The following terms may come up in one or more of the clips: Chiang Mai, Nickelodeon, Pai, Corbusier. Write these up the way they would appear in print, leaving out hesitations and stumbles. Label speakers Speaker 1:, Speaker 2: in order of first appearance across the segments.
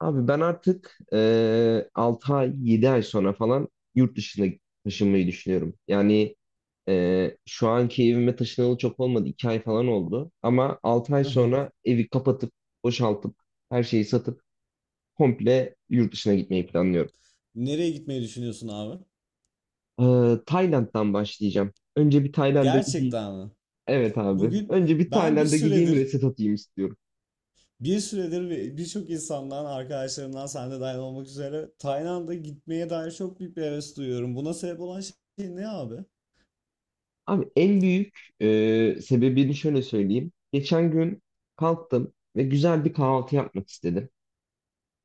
Speaker 1: Abi ben artık 6 ay 7 ay sonra falan yurt dışına taşınmayı düşünüyorum. Yani şu anki evime taşınalı çok olmadı, 2 ay falan oldu. Ama 6 ay
Speaker 2: Aha.
Speaker 1: sonra evi kapatıp boşaltıp her şeyi satıp komple yurt dışına gitmeyi planlıyorum.
Speaker 2: Nereye gitmeyi düşünüyorsun abi?
Speaker 1: Tayland'dan başlayacağım. Önce bir Tayland'a gideyim.
Speaker 2: Gerçekten mi?
Speaker 1: Evet abi.
Speaker 2: Bugün
Speaker 1: Önce bir
Speaker 2: ben bir
Speaker 1: Tayland'a gideyim,
Speaker 2: süredir,
Speaker 1: reset atayım istiyorum.
Speaker 2: bir süredir ve birçok insandan, arkadaşlarımdan sen de dahil olmak üzere Tayland'a gitmeye dair çok büyük bir heves duyuyorum. Buna sebep olan şey ne abi?
Speaker 1: Abi en büyük sebebini şöyle söyleyeyim. Geçen gün kalktım ve güzel bir kahvaltı yapmak istedim.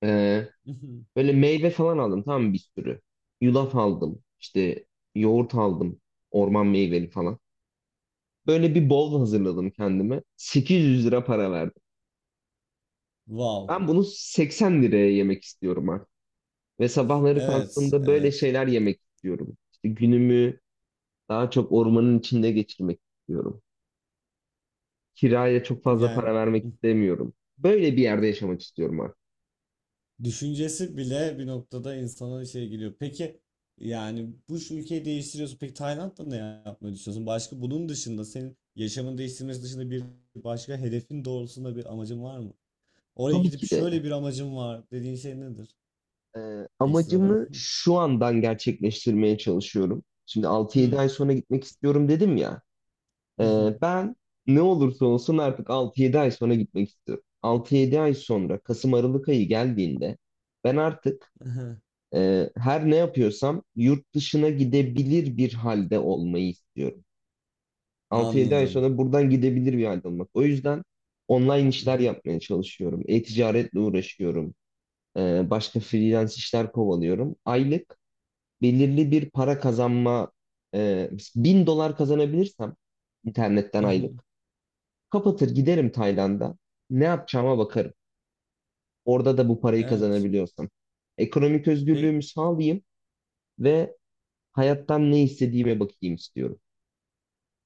Speaker 1: E, Böyle meyve falan aldım, tamam mı, bir sürü. Yulaf aldım, işte yoğurt aldım, orman meyveli falan. Böyle bir bol hazırladım kendime. 800 lira para verdim.
Speaker 2: Wow.
Speaker 1: Ben bunu 80 liraya yemek istiyorum artık. Ve sabahları
Speaker 2: Evet,
Speaker 1: kalktığımda böyle
Speaker 2: evet.
Speaker 1: şeyler yemek istiyorum. İşte günümü daha çok ormanın içinde geçirmek istiyorum. Kiraya çok fazla
Speaker 2: Yani
Speaker 1: para vermek istemiyorum. Böyle bir yerde yaşamak istiyorum artık.
Speaker 2: düşüncesi bile bir noktada insana şey geliyor. Peki yani bu şu ülkeyi değiştiriyorsun. Peki Tayland'da ne yapmayı düşünüyorsun? Başka bunun dışında senin yaşamını değiştirmesi dışında bir başka hedefin doğrultusunda bir amacın var mı? Oraya
Speaker 1: Tabii
Speaker 2: gidip
Speaker 1: ki de
Speaker 2: şöyle bir amacım var dediğin şey nedir?
Speaker 1: e,
Speaker 2: Ekstradan.
Speaker 1: amacımı şu andan gerçekleştirmeye çalışıyorum. Şimdi altı yedi
Speaker 2: Hmm.
Speaker 1: ay sonra gitmek istiyorum dedim ya. Ben ne olursa olsun artık 6-7 ay sonra gitmek istiyorum. 6-7 ay sonra Kasım Aralık ayı geldiğinde ben artık her ne yapıyorsam yurt dışına gidebilir bir halde olmayı istiyorum. 6-7 ay
Speaker 2: Anladım.
Speaker 1: sonra buradan gidebilir bir halde olmak. O yüzden online işler yapmaya çalışıyorum. E-ticaretle uğraşıyorum. Başka freelance işler kovalıyorum. Aylık belirli bir para kazanma, 1000 dolar kazanabilirsem internetten aylık kapatır giderim Tayland'a. Ne yapacağıma bakarım. Orada da bu parayı
Speaker 2: Evet.
Speaker 1: kazanabiliyorsam. Ekonomik özgürlüğümü sağlayayım ve hayattan ne istediğime bakayım istiyorum.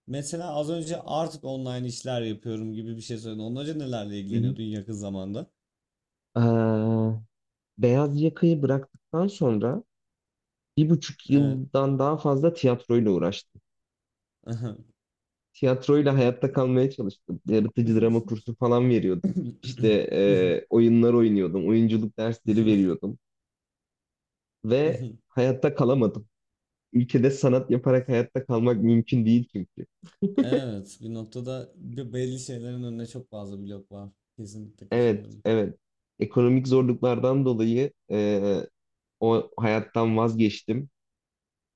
Speaker 2: Mesela az önce artık online işler yapıyorum gibi bir şey söyledin. Ondan önce nelerle
Speaker 1: Hı hı.
Speaker 2: ilgileniyordun yakın zamanda?
Speaker 1: Ee, Beyaz yakayı bıraktıktan sonra bir buçuk
Speaker 2: Evet.
Speaker 1: yıldan daha fazla tiyatroyla uğraştım. Tiyatroyla hayatta kalmaya çalıştım. Yaratıcı drama kursu falan veriyordum. İşte oyunlar oynuyordum. Oyunculuk dersleri veriyordum. Ve hayatta kalamadım. Ülkede sanat yaparak hayatta kalmak mümkün değil çünkü.
Speaker 2: Evet, bir noktada bir belli şeylerin önüne çok fazla blok var. Kesinlikle
Speaker 1: Evet,
Speaker 2: katılıyorum.
Speaker 1: evet. Ekonomik zorluklardan dolayı o hayattan vazgeçtim.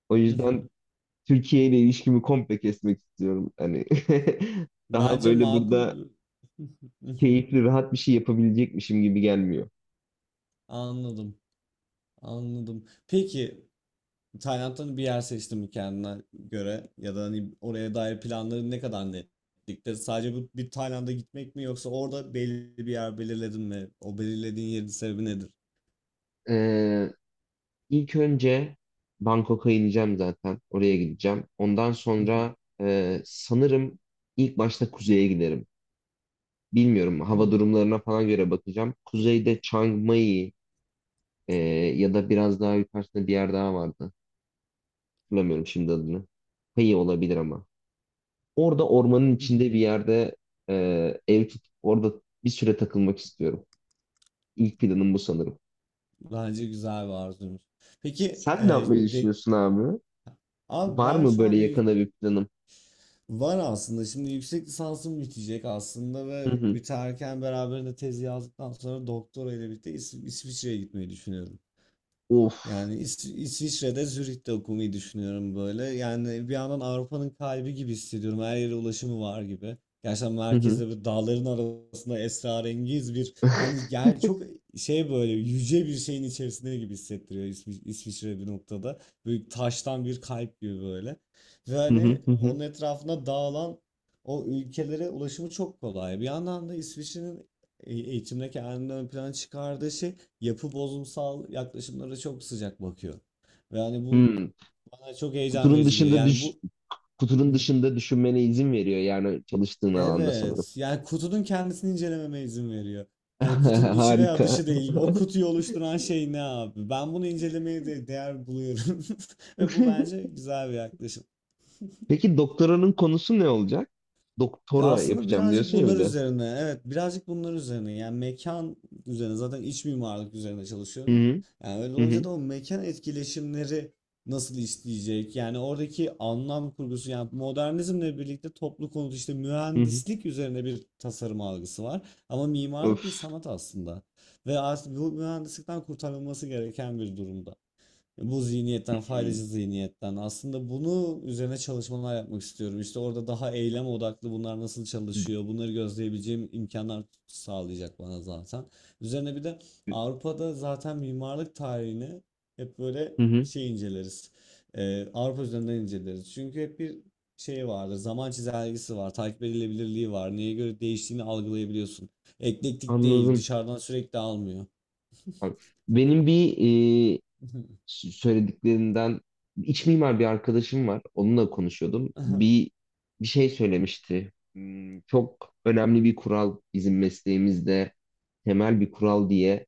Speaker 1: O yüzden Türkiye ile ilişkimi komple kesmek istiyorum. Hani daha
Speaker 2: Bence
Speaker 1: böyle burada
Speaker 2: makul.
Speaker 1: keyifli, rahat bir şey yapabilecekmişim gibi gelmiyor.
Speaker 2: Anladım, anladım. Peki. Tayland'dan bir yer seçtim kendine göre ya da hani oraya dair planların ne kadar netlikte? Sadece bu bir Tayland'a gitmek mi yoksa orada belli bir yer belirledin mi? O belirlediğin yerin sebebi nedir?
Speaker 1: Ee, ilk önce Bangkok'a ineceğim zaten. Oraya gideceğim. Ondan sonra sanırım ilk başta kuzeye giderim. Bilmiyorum, hava
Speaker 2: Hmm.
Speaker 1: durumlarına falan göre bakacağım. Kuzeyde Chiang Mai, e, ya da biraz daha yukarısında bir yer daha vardı. Hatırlamıyorum şimdi adını. Pai olabilir ama. Orada ormanın içinde bir yerde e, ev tutup orada bir süre takılmak istiyorum. İlk planım bu sanırım.
Speaker 2: Bence güzel bir arzuymuş. Peki e,
Speaker 1: Sen ne yapmayı
Speaker 2: de,
Speaker 1: düşünüyorsun abi?
Speaker 2: abi
Speaker 1: Var
Speaker 2: ben
Speaker 1: mı
Speaker 2: şu
Speaker 1: böyle
Speaker 2: anda
Speaker 1: yakında bir planım?
Speaker 2: var aslında. Şimdi yüksek lisansım bitecek aslında
Speaker 1: Hı
Speaker 2: ve
Speaker 1: hı.
Speaker 2: biterken beraberinde tezi yazdıktan sonra doktora ile birlikte İsviçre'ye gitmeyi düşünüyorum.
Speaker 1: Of.
Speaker 2: Yani İsviçre'de Zürih'te okumayı düşünüyorum böyle. Yani bir yandan Avrupa'nın kalbi gibi hissediyorum. Her yere ulaşımı var gibi. Gerçekten
Speaker 1: Hı hı.
Speaker 2: merkezde böyle dağların arasında esrarengiz bir hani gel çok şey böyle yüce bir şeyin içerisinde gibi hissettiriyor İsviçre bir noktada. Böyle taştan bir kalp gibi böyle. Ve
Speaker 1: Hı hı
Speaker 2: hani
Speaker 1: hı hı.
Speaker 2: onun etrafına dağılan o ülkelere ulaşımı çok kolay. Bir yandan da İsviçre'nin eğitimde kendini ön plana çıkardığı şey yapı bozumsal yaklaşımlara çok sıcak bakıyor. Ve hani bu
Speaker 1: Hmm.
Speaker 2: bana çok heyecan
Speaker 1: Kutunun
Speaker 2: verici geliyor.
Speaker 1: dışında
Speaker 2: Yani
Speaker 1: düş
Speaker 2: bu
Speaker 1: kutunun dışında düşünmene izin veriyor yani çalıştığın alanda sanırım.
Speaker 2: evet, yani kutunun kendisini incelememe izin veriyor. Hani kutunun içi veya
Speaker 1: Harika.
Speaker 2: dışı değil. O kutuyu oluşturan şey ne abi? Ben bunu incelemeye de değer buluyorum. Ve bu bence güzel bir yaklaşım.
Speaker 1: Peki doktoranın konusu ne olacak?
Speaker 2: Ya
Speaker 1: Doktora
Speaker 2: aslında
Speaker 1: yapacağım
Speaker 2: birazcık
Speaker 1: diyorsun ya
Speaker 2: bunlar
Speaker 1: bir de.
Speaker 2: üzerine, evet birazcık bunlar üzerine, yani mekan üzerine zaten iç mimarlık üzerine
Speaker 1: Hı
Speaker 2: çalışıyorum.
Speaker 1: hı
Speaker 2: Yani öyle
Speaker 1: hı
Speaker 2: olunca
Speaker 1: hı.
Speaker 2: da o mekan etkileşimleri nasıl işleyecek? Yani oradaki anlam kurgusu, yani modernizmle birlikte toplu konut işte
Speaker 1: Hı hı.
Speaker 2: mühendislik üzerine bir tasarım algısı var. Ama mimarlık bir
Speaker 1: Öf.
Speaker 2: sanat aslında. Ve artık bu mühendislikten kurtarılması gereken bir durumda. Bu zihniyetten, faydacı zihniyetten. Aslında bunu üzerine çalışmalar yapmak istiyorum. İşte orada daha eylem odaklı bunlar nasıl çalışıyor, bunları gözleyebileceğim imkanlar sağlayacak bana zaten. Üzerine bir de Avrupa'da zaten mimarlık tarihini hep böyle
Speaker 1: Hı hı.
Speaker 2: şey inceleriz. Avrupa üzerinden inceleriz. Çünkü hep bir şey vardır, zaman çizelgesi var, takip edilebilirliği var. Neye göre değiştiğini algılayabiliyorsun. Eklektik değil,
Speaker 1: Anladım.
Speaker 2: dışarıdan sürekli almıyor.
Speaker 1: Bak, benim bir söylediklerinden iç mimar bir arkadaşım var. Onunla konuşuyordum. Bir şey söylemişti. Hmm, çok önemli bir kural bizim mesleğimizde, temel bir kural diye,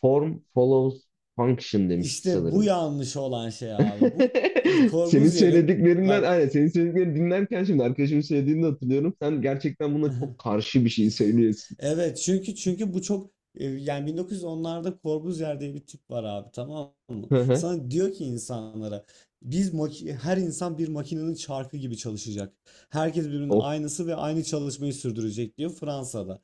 Speaker 1: form follows function demişti
Speaker 2: İşte bu
Speaker 1: sanırım.
Speaker 2: yanlış olan şey abi. Bu
Speaker 1: Senin
Speaker 2: Corbusier'in
Speaker 1: söylediklerinden,
Speaker 2: bak
Speaker 1: aynen, senin söylediklerini dinlerken şimdi arkadaşımın söylediğini de hatırlıyorum. Sen gerçekten buna çok karşı bir şey söylüyorsun.
Speaker 2: Evet, çünkü bu çok yani 1910'larda Corbusier diye bir tip var abi, tamam mı?
Speaker 1: Hı hı.
Speaker 2: Sana diyor ki insanlara biz her insan bir makinenin çarkı gibi çalışacak. Herkes birbirinin
Speaker 1: Of,
Speaker 2: aynısı ve aynı çalışmayı sürdürecek diyor Fransa'da.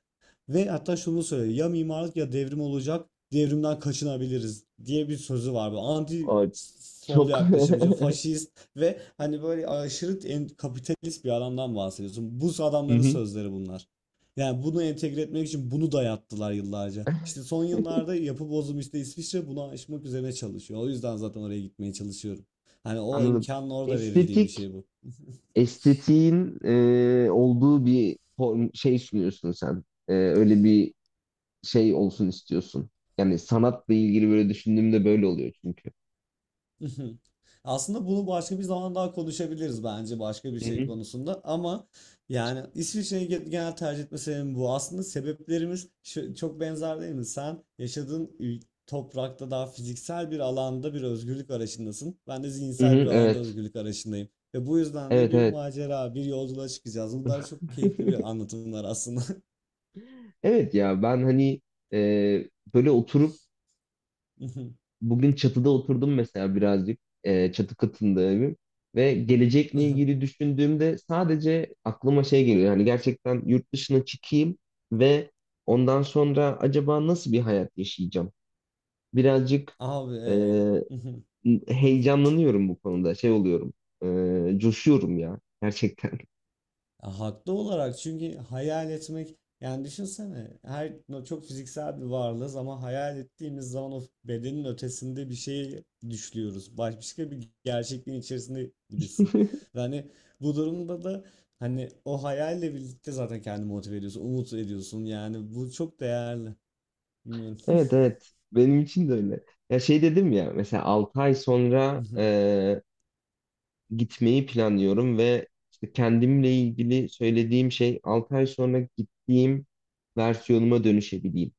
Speaker 2: Ve hatta şunu söylüyor: ya mimarlık ya devrim olacak, devrimden kaçınabiliriz diye bir sözü var. Bu anti
Speaker 1: ay,
Speaker 2: sol
Speaker 1: çok.
Speaker 2: yaklaşımcı,
Speaker 1: Hı
Speaker 2: faşist ve hani böyle aşırı kapitalist bir adamdan bahsediyorsun. Bu adamların
Speaker 1: hı.
Speaker 2: sözleri bunlar. Yani bunu entegre etmek için bunu dayattılar yıllarca. İşte son yıllarda yapı bozum, işte İsviçre bunu aşmak üzerine çalışıyor. O yüzden zaten oraya gitmeye çalışıyorum. Hani o
Speaker 1: Anladım.
Speaker 2: imkanın orada verildiği bir
Speaker 1: Estetik
Speaker 2: şey bu.
Speaker 1: estetiğin olduğu bir form, şey sunuyorsun sen. Öyle bir şey olsun istiyorsun. Yani sanatla ilgili böyle düşündüğümde böyle oluyor çünkü.
Speaker 2: Hı hı. Aslında bunu başka bir zaman daha konuşabiliriz bence, başka bir
Speaker 1: Hı
Speaker 2: şey
Speaker 1: hı.
Speaker 2: konusunda, ama yani İsviçre'yi genel tercih etme sebebim bu. Aslında sebeplerimiz çok benzer, değil mi? Sen yaşadığın toprakta daha fiziksel bir alanda bir özgürlük arayışındasın. Ben de
Speaker 1: Hı hı,
Speaker 2: zihinsel bir alanda
Speaker 1: evet.
Speaker 2: özgürlük arayışındayım. Ve bu yüzden de
Speaker 1: Evet
Speaker 2: bir
Speaker 1: evet.
Speaker 2: macera, bir yolculuğa çıkacağız. Bunlar çok keyifli bir anlatımlar aslında.
Speaker 1: Evet ya ben hani e, böyle oturup bugün çatıda oturdum mesela, birazcık çatı katında evim, ve gelecekle ilgili düşündüğümde sadece aklıma şey geliyor, yani gerçekten yurt dışına çıkayım ve ondan sonra acaba nasıl bir hayat yaşayacağım? Birazcık
Speaker 2: Abi.
Speaker 1: e,
Speaker 2: e,
Speaker 1: heyecanlanıyorum bu konuda, şey oluyorum, coşuyorum ya gerçekten.
Speaker 2: Ya haklı olarak, çünkü hayal etmek, yani düşünsene, her çok fiziksel bir varlığız ama hayal ettiğimiz zaman o bedenin ötesinde bir şey düşlüyoruz. Başka bir gerçekliğin içerisinde gibisin. Ve hani bu durumda da hani o hayalle birlikte zaten kendini motive ediyorsun, umut ediyorsun. Yani bu çok değerli. Bilmiyorum.
Speaker 1: Evet evet benim için de öyle. Ya şey dedim ya, mesela 6 ay sonra gitmeyi planlıyorum ve işte kendimle ilgili söylediğim şey 6 ay sonra gittiğim versiyonuma dönüşebileyim.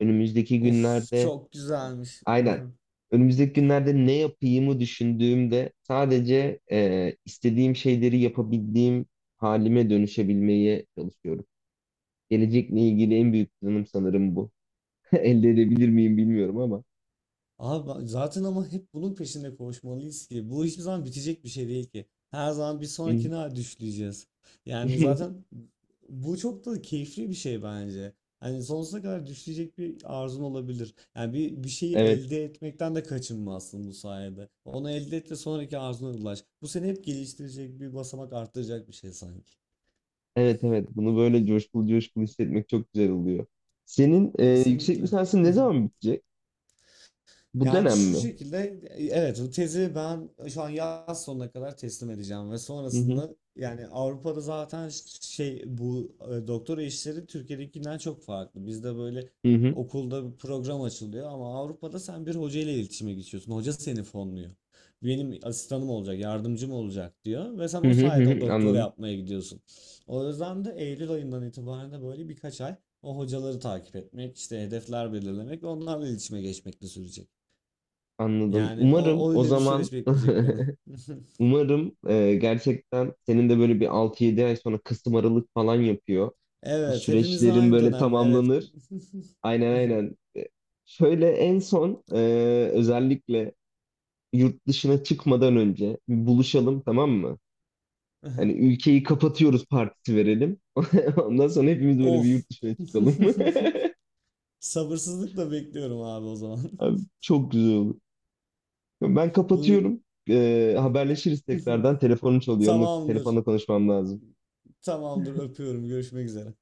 Speaker 1: Önümüzdeki
Speaker 2: Of,
Speaker 1: günlerde
Speaker 2: çok güzelmiş.
Speaker 1: aynen önümüzdeki günlerde ne yapayımı düşündüğümde sadece istediğim şeyleri yapabildiğim halime dönüşebilmeye çalışıyorum. Gelecekle ilgili en büyük planım sanırım bu. Elde edebilir miyim bilmiyorum ama.
Speaker 2: Abi zaten ama hep bunun peşinde koşmalıyız ki, bu hiçbir zaman bitecek bir şey değil ki. Her zaman bir sonrakine düşleyeceğiz. Yani zaten bu çok da keyifli bir şey bence. Hani sonsuza kadar düşleyecek bir arzun olabilir. Yani bir şeyi
Speaker 1: Evet.
Speaker 2: elde etmekten de kaçınmazsın bu sayede. Onu elde et ve sonraki arzuna ulaş. Bu seni hep geliştirecek, bir basamak arttıracak bir şey sanki.
Speaker 1: Evet evet bunu böyle coşkulu coşkulu hissetmek çok güzel oluyor. Senin yüksek
Speaker 2: Kesinlikle.
Speaker 1: lisansın ne zaman bitecek? Bu
Speaker 2: Yani
Speaker 1: dönem
Speaker 2: şu
Speaker 1: mi?
Speaker 2: şekilde evet, bu tezi ben şu an yaz sonuna kadar teslim edeceğim ve
Speaker 1: Hı hı
Speaker 2: sonrasında yani Avrupa'da zaten şey, bu doktora işleri Türkiye'dekinden çok farklı. Bizde böyle
Speaker 1: hı hı
Speaker 2: okulda bir program açılıyor ama Avrupa'da sen bir hoca ile iletişime geçiyorsun. Hoca seni fonluyor. Benim asistanım olacak, yardımcım olacak diyor ve sen
Speaker 1: hı
Speaker 2: o
Speaker 1: hı hı
Speaker 2: sayede o
Speaker 1: hı.
Speaker 2: doktora
Speaker 1: Anladım,
Speaker 2: yapmaya gidiyorsun. O yüzden de Eylül ayından itibaren de böyle birkaç ay o hocaları takip etmek, işte hedefler belirlemek ve onlarla iletişime geçmekle sürecek.
Speaker 1: anladım.
Speaker 2: Yani o,
Speaker 1: Umarım
Speaker 2: o
Speaker 1: o
Speaker 2: öyle bir
Speaker 1: zaman
Speaker 2: süreç bekleyecek beni.
Speaker 1: umarım gerçekten senin de böyle bir 6-7 ay sonra Kasım Aralık falan yapıyor. Bu
Speaker 2: Evet, hepimizin
Speaker 1: süreçlerin
Speaker 2: aynı
Speaker 1: böyle
Speaker 2: dönem. Evet.
Speaker 1: tamamlanır. Aynen aynen. Şöyle en son özellikle yurt dışına çıkmadan önce buluşalım tamam mı? Hani ülkeyi kapatıyoruz partisi verelim. Ondan sonra hepimiz böyle bir
Speaker 2: Of.
Speaker 1: yurt dışına çıkalım.
Speaker 2: Sabırsızlıkla bekliyorum abi o zaman.
Speaker 1: Abi, çok güzel olur. Ben
Speaker 2: Bu
Speaker 1: kapatıyorum. Haberleşiriz tekrardan. Telefonum çalıyor. Onunla
Speaker 2: tamamdır.
Speaker 1: telefonla konuşmam lazım.
Speaker 2: Tamamdır. Öpüyorum. Görüşmek üzere.